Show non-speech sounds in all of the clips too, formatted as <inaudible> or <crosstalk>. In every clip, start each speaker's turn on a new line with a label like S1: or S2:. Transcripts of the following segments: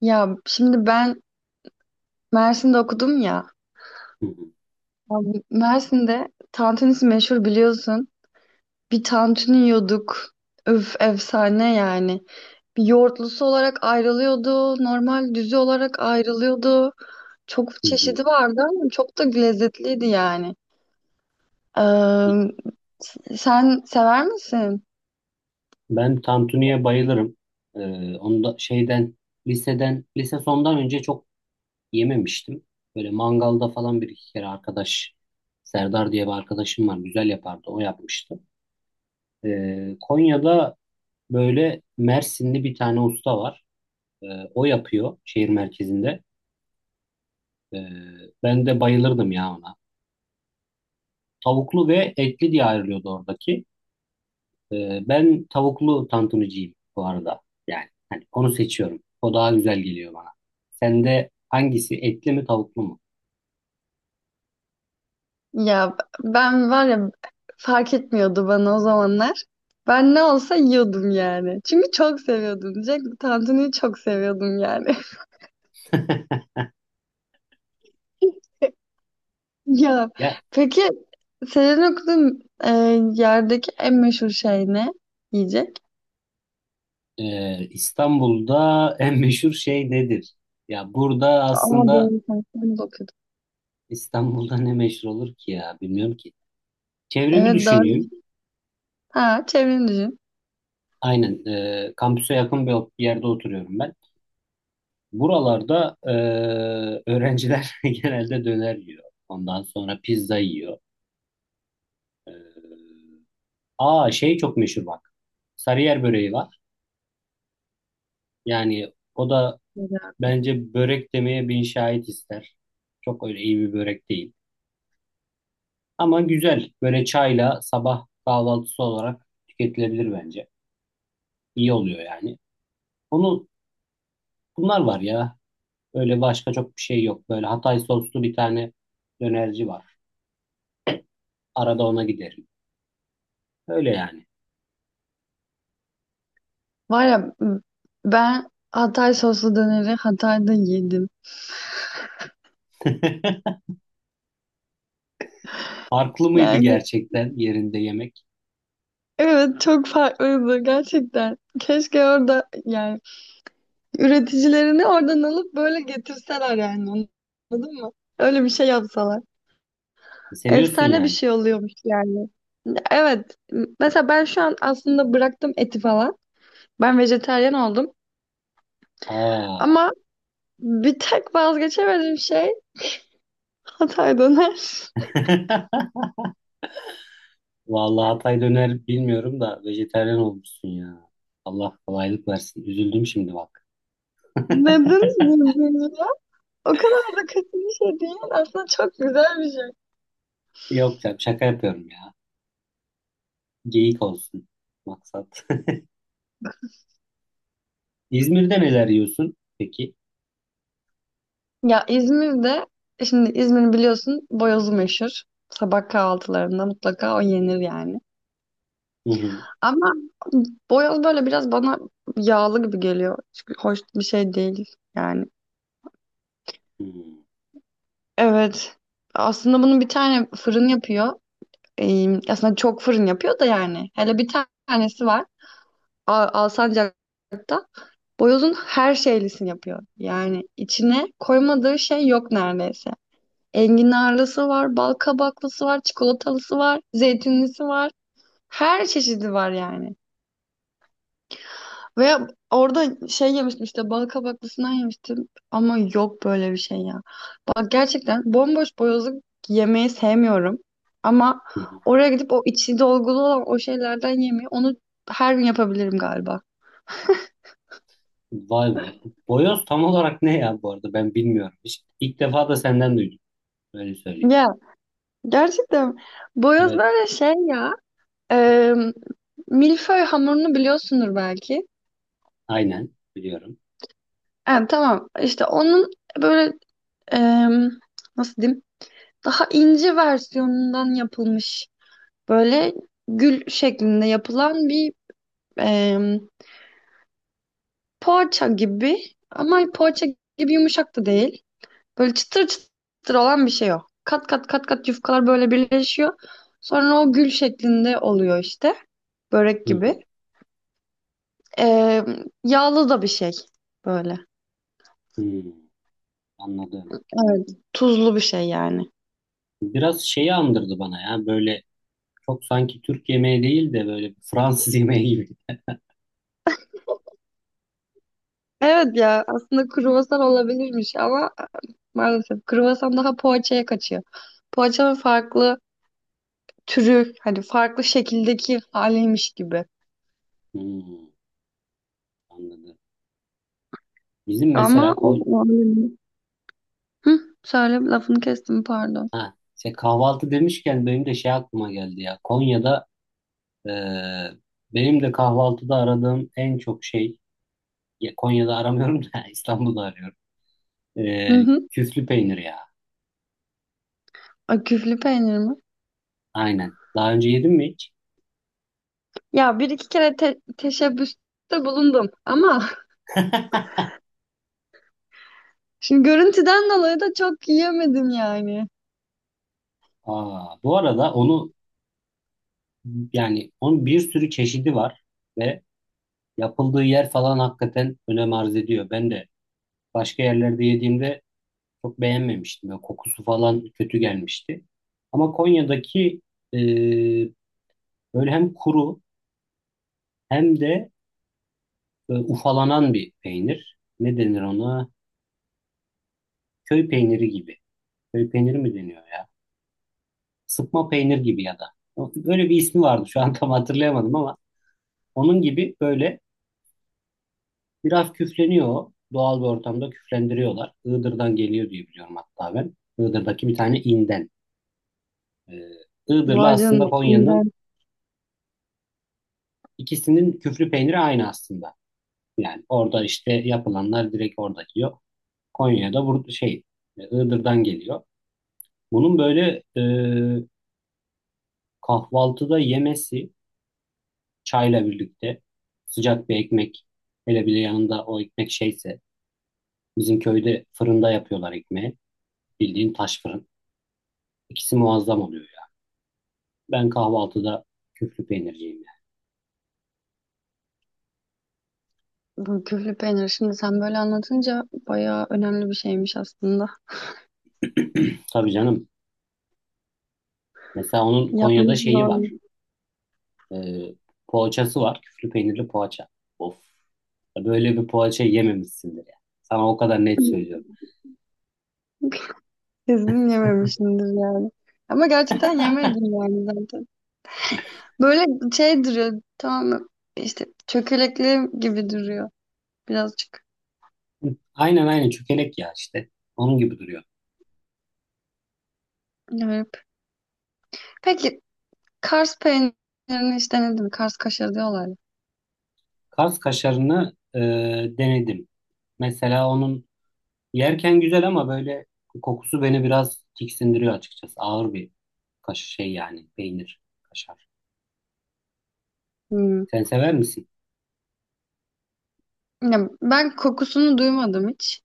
S1: Ya şimdi ben Mersin'de okudum ya.
S2: Hı hı,
S1: Abi Mersin'de tantunisi meşhur biliyorsun. Bir tantuni yiyorduk. Öf efsane yani. Bir yoğurtlusu olarak ayrılıyordu. Normal düzü olarak ayrılıyordu. Çok
S2: hı hı.
S1: çeşidi vardı ama çok da lezzetliydi yani. Ee, Sen sever misin?
S2: Ben tantuniye bayılırım. Onu da liseden lise sondan önce çok yememiştim. Böyle mangalda falan bir iki kere Serdar diye bir arkadaşım var. Güzel yapardı. O yapmıştı. Konya'da böyle Mersinli bir tane usta var. Ee, o yapıyor şehir merkezinde. Ee, ben de bayılırdım ya ona. Tavuklu ve etli diye ayrılıyordu oradaki. Ben tavuklu tantunucuyum bu arada. Yani hani onu seçiyorum. O daha güzel geliyor bana. Sende hangisi, etli mi tavuklu mu?
S1: Ya ben var ya fark etmiyordu bana o zamanlar. Ben ne olsa yiyordum yani. Çünkü çok seviyordum diyecek. Tantuniyi çok seviyordum yani. <laughs>
S2: <laughs>
S1: Ya
S2: Ya
S1: peki senin okuduğun yerdeki en meşhur şey ne? Yiyecek.
S2: İstanbul'da en meşhur şey nedir? Ya burada
S1: Ama
S2: aslında
S1: doğru sen de okuyordun.
S2: İstanbul'da ne meşhur olur ki ya, bilmiyorum ki. Çevremi
S1: Evet
S2: düşüneyim.
S1: doğru. Ha çevreni düşün.
S2: Aynen, kampüse yakın bir yerde oturuyorum ben. Buralarda öğrenciler <laughs> genelde döner yiyor. Ondan sonra pizza yiyor. Ee, aa şey çok meşhur bak. Sarıyer böreği var. Yani o da
S1: Güzel.
S2: bence börek demeye bin şahit ister. Çok öyle iyi bir börek değil. Ama güzel. Böyle çayla sabah kahvaltısı olarak tüketilebilir bence. İyi oluyor yani. Onu, bunlar var ya. Öyle başka çok bir şey yok. Böyle Hatay soslu bir tane dönerci var. Arada ona giderim. Öyle yani.
S1: Var ya ben Hatay soslu döneri Hatay'da yedim.
S2: <laughs> Farklı mıydı
S1: Yani
S2: gerçekten yerinde yemek?
S1: evet çok farklıydı gerçekten. Keşke orada yani üreticilerini oradan alıp böyle getirseler yani anladın mı? Öyle bir şey yapsalar.
S2: Seviyorsun
S1: Efsane bir
S2: yani.
S1: şey oluyormuş yani. Evet. Mesela ben şu an aslında bıraktım eti falan. Ben vejetaryen oldum.
S2: Aa.
S1: Ama bir tek vazgeçemediğim şey Hatay döner.
S2: <laughs> Vallahi Hatay döner bilmiyorum da vejetaryen olmuşsun ya. Allah kolaylık versin. Üzüldüm şimdi bak.
S1: <laughs>
S2: <laughs>
S1: Neden üzüldünüz ya? O kadar da kötü bir şey değil. Aslında çok güzel bir şey.
S2: Yok canım, şaka yapıyorum ya. Geyik olsun maksat. <laughs> İzmir'de neler yiyorsun peki?
S1: Ya İzmir'de, şimdi İzmir'i biliyorsun boyozu meşhur. Sabah kahvaltılarında mutlaka o yenir yani.
S2: Hı hı,
S1: Ama boyoz böyle biraz bana yağlı gibi geliyor. Çünkü hoş bir şey değil yani.
S2: hı hı,
S1: Evet. Aslında bunun bir tane fırın yapıyor. Aslında çok fırın yapıyor da yani. Hele bir tanesi var. Alsancak. Boyozun her şeylisini yapıyor. Yani içine koymadığı şey yok neredeyse. Enginarlısı var, bal kabaklısı var, çikolatalısı var, zeytinlisi var. Her çeşidi var yani. Ve orada şey yemiştim işte bal kabaklısından yemiştim ama yok böyle bir şey ya. Bak gerçekten bomboş boyozluk yemeyi sevmiyorum. Ama
S2: hı hı.
S1: oraya gidip o içi dolgulu olan o şeylerden yemeyi onu her gün yapabilirim galiba.
S2: Vay be. Bu Boyoz tam olarak ne ya, bu arada ben bilmiyorum. Hiç, ilk defa da senden duydum. Öyle söyleyeyim.
S1: Ya gerçekten boyoz
S2: Evet,
S1: böyle şey ya, e, milföy hamurunu biliyorsundur belki.
S2: aynen biliyorum.
S1: Yani tamam işte onun böyle, e, nasıl diyeyim, daha ince versiyonundan yapılmış. Böyle gül şeklinde yapılan bir, em, poğaça gibi ama poğaça gibi yumuşak da değil. Böyle çıtır çıtır olan bir şey o. Kat kat kat kat yufkalar böyle birleşiyor. Sonra o gül şeklinde oluyor işte. Börek
S2: Hı hı,
S1: gibi. Yağlı da bir şey böyle.
S2: hı. Anladım.
S1: Evet, tuzlu bir şey yani.
S2: Biraz şeyi andırdı bana ya, böyle çok sanki Türk yemeği değil de böyle Fransız <laughs> yemeği gibi.
S1: Evet ya aslında kruvasan olabilirmiş ama maalesef kruvasan daha poğaçaya kaçıyor. Poğaçanın farklı türü hani farklı şekildeki haliymiş gibi.
S2: Hmm, anladım. Bizim mesela
S1: Ama
S2: Kon
S1: o öyle değil. Hı, söyle lafını kestim pardon.
S2: ha, şey, kahvaltı demişken benim de şey aklıma geldi ya. Konya'da, eee, benim de kahvaltıda aradığım en çok şey, ya Konya'da aramıyorum da <laughs> İstanbul'da arıyorum.
S1: Hı hı.
S2: Küflü peynir ya.
S1: Ay, küflü peynir mi?
S2: Aynen. Daha önce yedin mi hiç?
S1: Ya bir iki kere teşebbüste bulundum ama <laughs> şimdi görüntüden dolayı da çok yiyemedim yani.
S2: Aa, bu arada onu, yani onun bir sürü çeşidi var ve yapıldığı yer falan hakikaten önem arz ediyor. Ben de başka yerlerde yediğimde çok beğenmemiştim. Böyle kokusu falan kötü gelmişti. Ama Konya'daki e, böyle hem kuru hem de ufalanan bir peynir. Ne denir ona? Köy peyniri gibi. Köy peyniri mi deniyor ya? Sıkma peynir gibi ya da. Böyle bir ismi vardı. Şu an tam hatırlayamadım ama onun gibi böyle biraz küfleniyor Doğal bir ortamda küflendiriyorlar. Iğdır'dan geliyor diye biliyorum hatta ben. Iğdır'daki bir tane inden. Ee, Iğdır'la
S1: Var canım.
S2: aslında Konya'nın,
S1: İğrenç.
S2: ikisinin küflü peyniri aynı aslında. Yani orada işte yapılanlar direkt orada yiyor. Konya'da burada şey, Iğdır'dan geliyor. Bunun böyle kahvaltıda yemesi, çayla birlikte sıcak bir ekmek, hele bile yanında o ekmek şeyse, bizim köyde fırında yapıyorlar ekmeği. Bildiğin taş fırın. İkisi muazzam oluyor yani. Ben kahvaltıda küflü peynirciyim. <laughs>
S1: Bu küflü peynir şimdi sen böyle anlatınca bayağı önemli bir şeymiş aslında.
S2: yani. <clears throat> Tabii canım. Mesela onun Konya'da
S1: Yapması
S2: şeyi
S1: zormuş.
S2: var. Ee, poğaçası var. Küflü peynirli poğaça. Of. Böyle bir poğaça yememişsindir ya. Sana o kadar net söylüyorum.
S1: <laughs> Kesin yememişimdir yani. Ama gerçekten yemedim yani zaten. Böyle şey duruyor tamam mı? İşte çökelekli gibi duruyor birazcık.
S2: Aynen, aynen çökelek ya işte. Onun gibi duruyor.
S1: Garip. Peki Kars peynirini hiç denedin mi? Kars kaşarı diyorlar ya.
S2: Kaz kaşarını denedim. Mesela onun, yerken güzel ama böyle kokusu beni biraz tiksindiriyor açıkçası. Ağır bir kaş şey yani peynir kaşar.
S1: Hmm.
S2: Sen sever misin?
S1: Ya ben kokusunu duymadım hiç.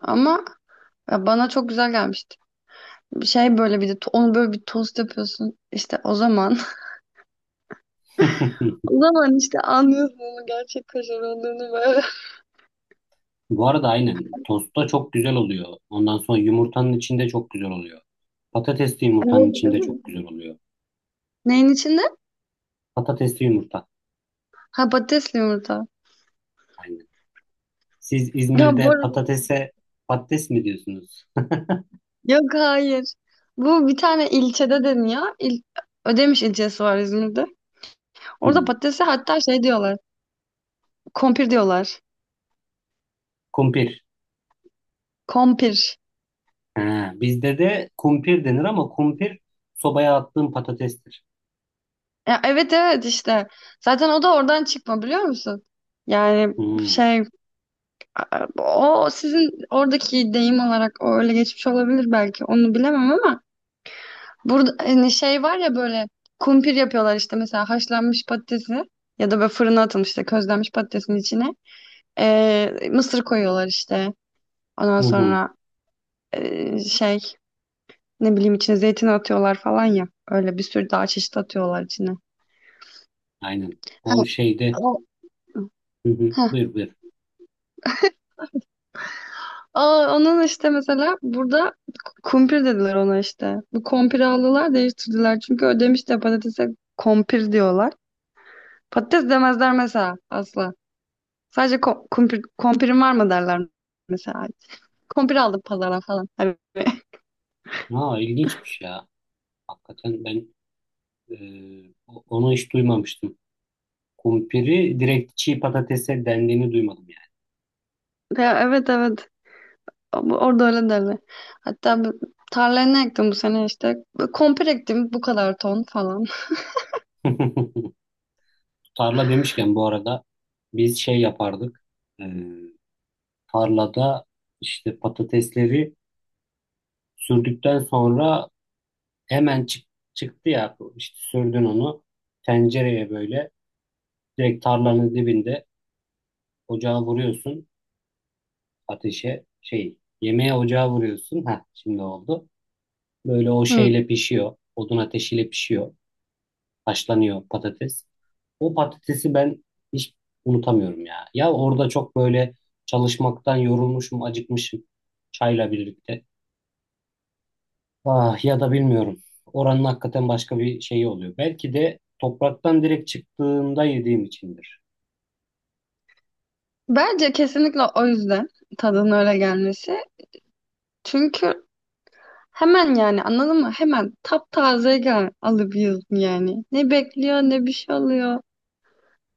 S1: Ama ya bana çok güzel gelmişti. Bir şey böyle bir de onu böyle bir tost yapıyorsun. İşte o zaman. <laughs>
S2: <laughs>
S1: O zaman işte anlıyorsun onun gerçek kaşar olduğunu böyle.
S2: Bu arada aynen. Tostta çok güzel oluyor. Ondan sonra yumurtanın içinde çok güzel oluyor. Patatesli
S1: <laughs>
S2: yumurtanın
S1: Evet, değil
S2: içinde çok
S1: mi?
S2: güzel oluyor.
S1: Neyin içinde?
S2: Patatesli yumurta.
S1: Ha patatesli yumurta.
S2: Aynen. Siz
S1: Ya bu
S2: İzmir'de
S1: arada
S2: patatese patates mi diyorsunuz? <laughs>
S1: yok hayır. Bu bir tane ilçede deniyor. Ödemiş ilçesi var İzmir'de. Orada
S2: Hmm.
S1: patatese hatta şey diyorlar. Kompir diyorlar.
S2: Kumpir.
S1: Kompir.
S2: Ha, bizde de kumpir denir ama kumpir sobaya attığım patatestir.
S1: Ya evet evet işte. Zaten o da oradan çıkma biliyor musun? Yani
S2: Hmm.
S1: şey, o sizin oradaki deyim olarak o öyle geçmiş olabilir belki. Onu bilemem ama burada hani şey var ya böyle kumpir yapıyorlar işte mesela haşlanmış patatesi ya da böyle fırına atılmış işte közlenmiş patatesin içine. Mısır koyuyorlar işte. Ondan
S2: Hı hı.
S1: sonra şey ne bileyim içine zeytin atıyorlar falan ya. Öyle bir sürü daha çeşit atıyorlar içine.
S2: Aynen.
S1: Ha,
S2: O şeyde.
S1: o,
S2: Hı hı.
S1: heh.
S2: Buyur buyur.
S1: Aa, onun işte mesela burada kumpir dediler ona işte. Bu kompiri aldılar değiştirdiler. Çünkü Ödemiş de patatese kompir diyorlar. Patates demezler mesela asla. Sadece kumpir, kompirin var mı derler mesela. Kumpir aldım pazardan falan. Hani- <laughs>
S2: Ha, ilginçmiş ya. Hakikaten ben e, onu hiç duymamıştım. Kumpiri direkt çiğ patatese dendiğini duymadım
S1: Ya, evet evet orada öyle derler. Hatta tarlaya ne ektim bu sene işte. Komple ektim bu kadar ton falan.
S2: yani. <laughs> Tarla demişken bu arada biz şey yapardık. Ee, tarlada işte patatesleri sürdükten sonra hemen çıktı ya işte, sürdün onu tencereye böyle direkt tarlanın dibinde ocağa vuruyorsun, ateşe şey yemeğe ocağa vuruyorsun. Ha şimdi oldu. Böyle o
S1: Hı.
S2: şeyle pişiyor. Odun ateşiyle pişiyor. Haşlanıyor patates. O patatesi ben hiç unutamıyorum ya. Ya orada çok böyle çalışmaktan yorulmuşum, acıkmışım, çayla birlikte. Ah ya da bilmiyorum. Oranın hakikaten başka bir şeyi oluyor. Belki de topraktan direkt çıktığında yediğim içindir.
S1: Bence kesinlikle o yüzden tadının öyle gelmesi. Çünkü hemen yani anladın mı? Hemen taptaze gel alıp yiyorsun yani. Ne bekliyor ne bir şey oluyor.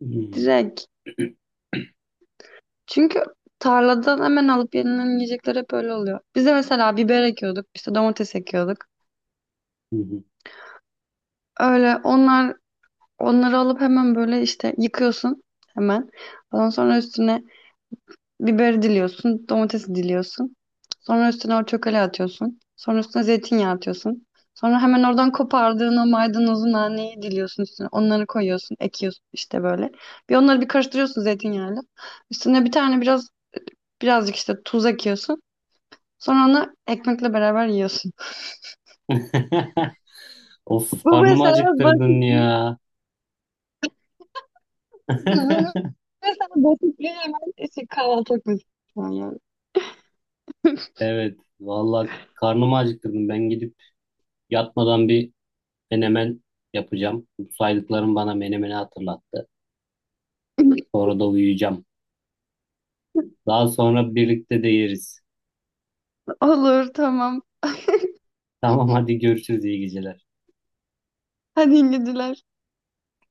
S2: Hmm.
S1: Direkt. Çünkü tarladan hemen alıp yenilen yiyecekler hep öyle oluyor. Biz de mesela biber ekiyorduk, işte domates ekiyorduk.
S2: Hı hı.
S1: Öyle onlar onları alıp hemen böyle işte yıkıyorsun hemen. Ondan sonra üstüne biberi diliyorsun, domatesi diliyorsun. Sonra üstüne o çökele atıyorsun. Sonra üstüne zeytinyağı atıyorsun. Sonra hemen oradan kopardığın o maydanozun naneyi diliyorsun üstüne. Onları koyuyorsun, ekiyorsun işte böyle. Bir onları bir karıştırıyorsun zeytinyağıyla. Üstüne bir tane biraz birazcık işte tuz ekiyorsun. Sonra onu ekmekle beraber yiyorsun.
S2: <laughs>
S1: <laughs>
S2: Of,
S1: Bu
S2: karnımı
S1: mesela
S2: acıktırdın
S1: basit bir,
S2: ya.
S1: bu
S2: <laughs>
S1: mesela basit bir hemen işte kahvaltılık mesela yani.
S2: Evet, vallahi karnımı acıktırdın. Ben gidip yatmadan bir menemen yapacağım. Bu saydıklarım bana menemeni hatırlattı.
S1: <laughs>
S2: Sonra da uyuyacağım. Daha sonra birlikte de yeriz.
S1: Olur tamam.
S2: Tamam, hadi görüşürüz, iyi geceler.
S1: Hadi iyi geceler.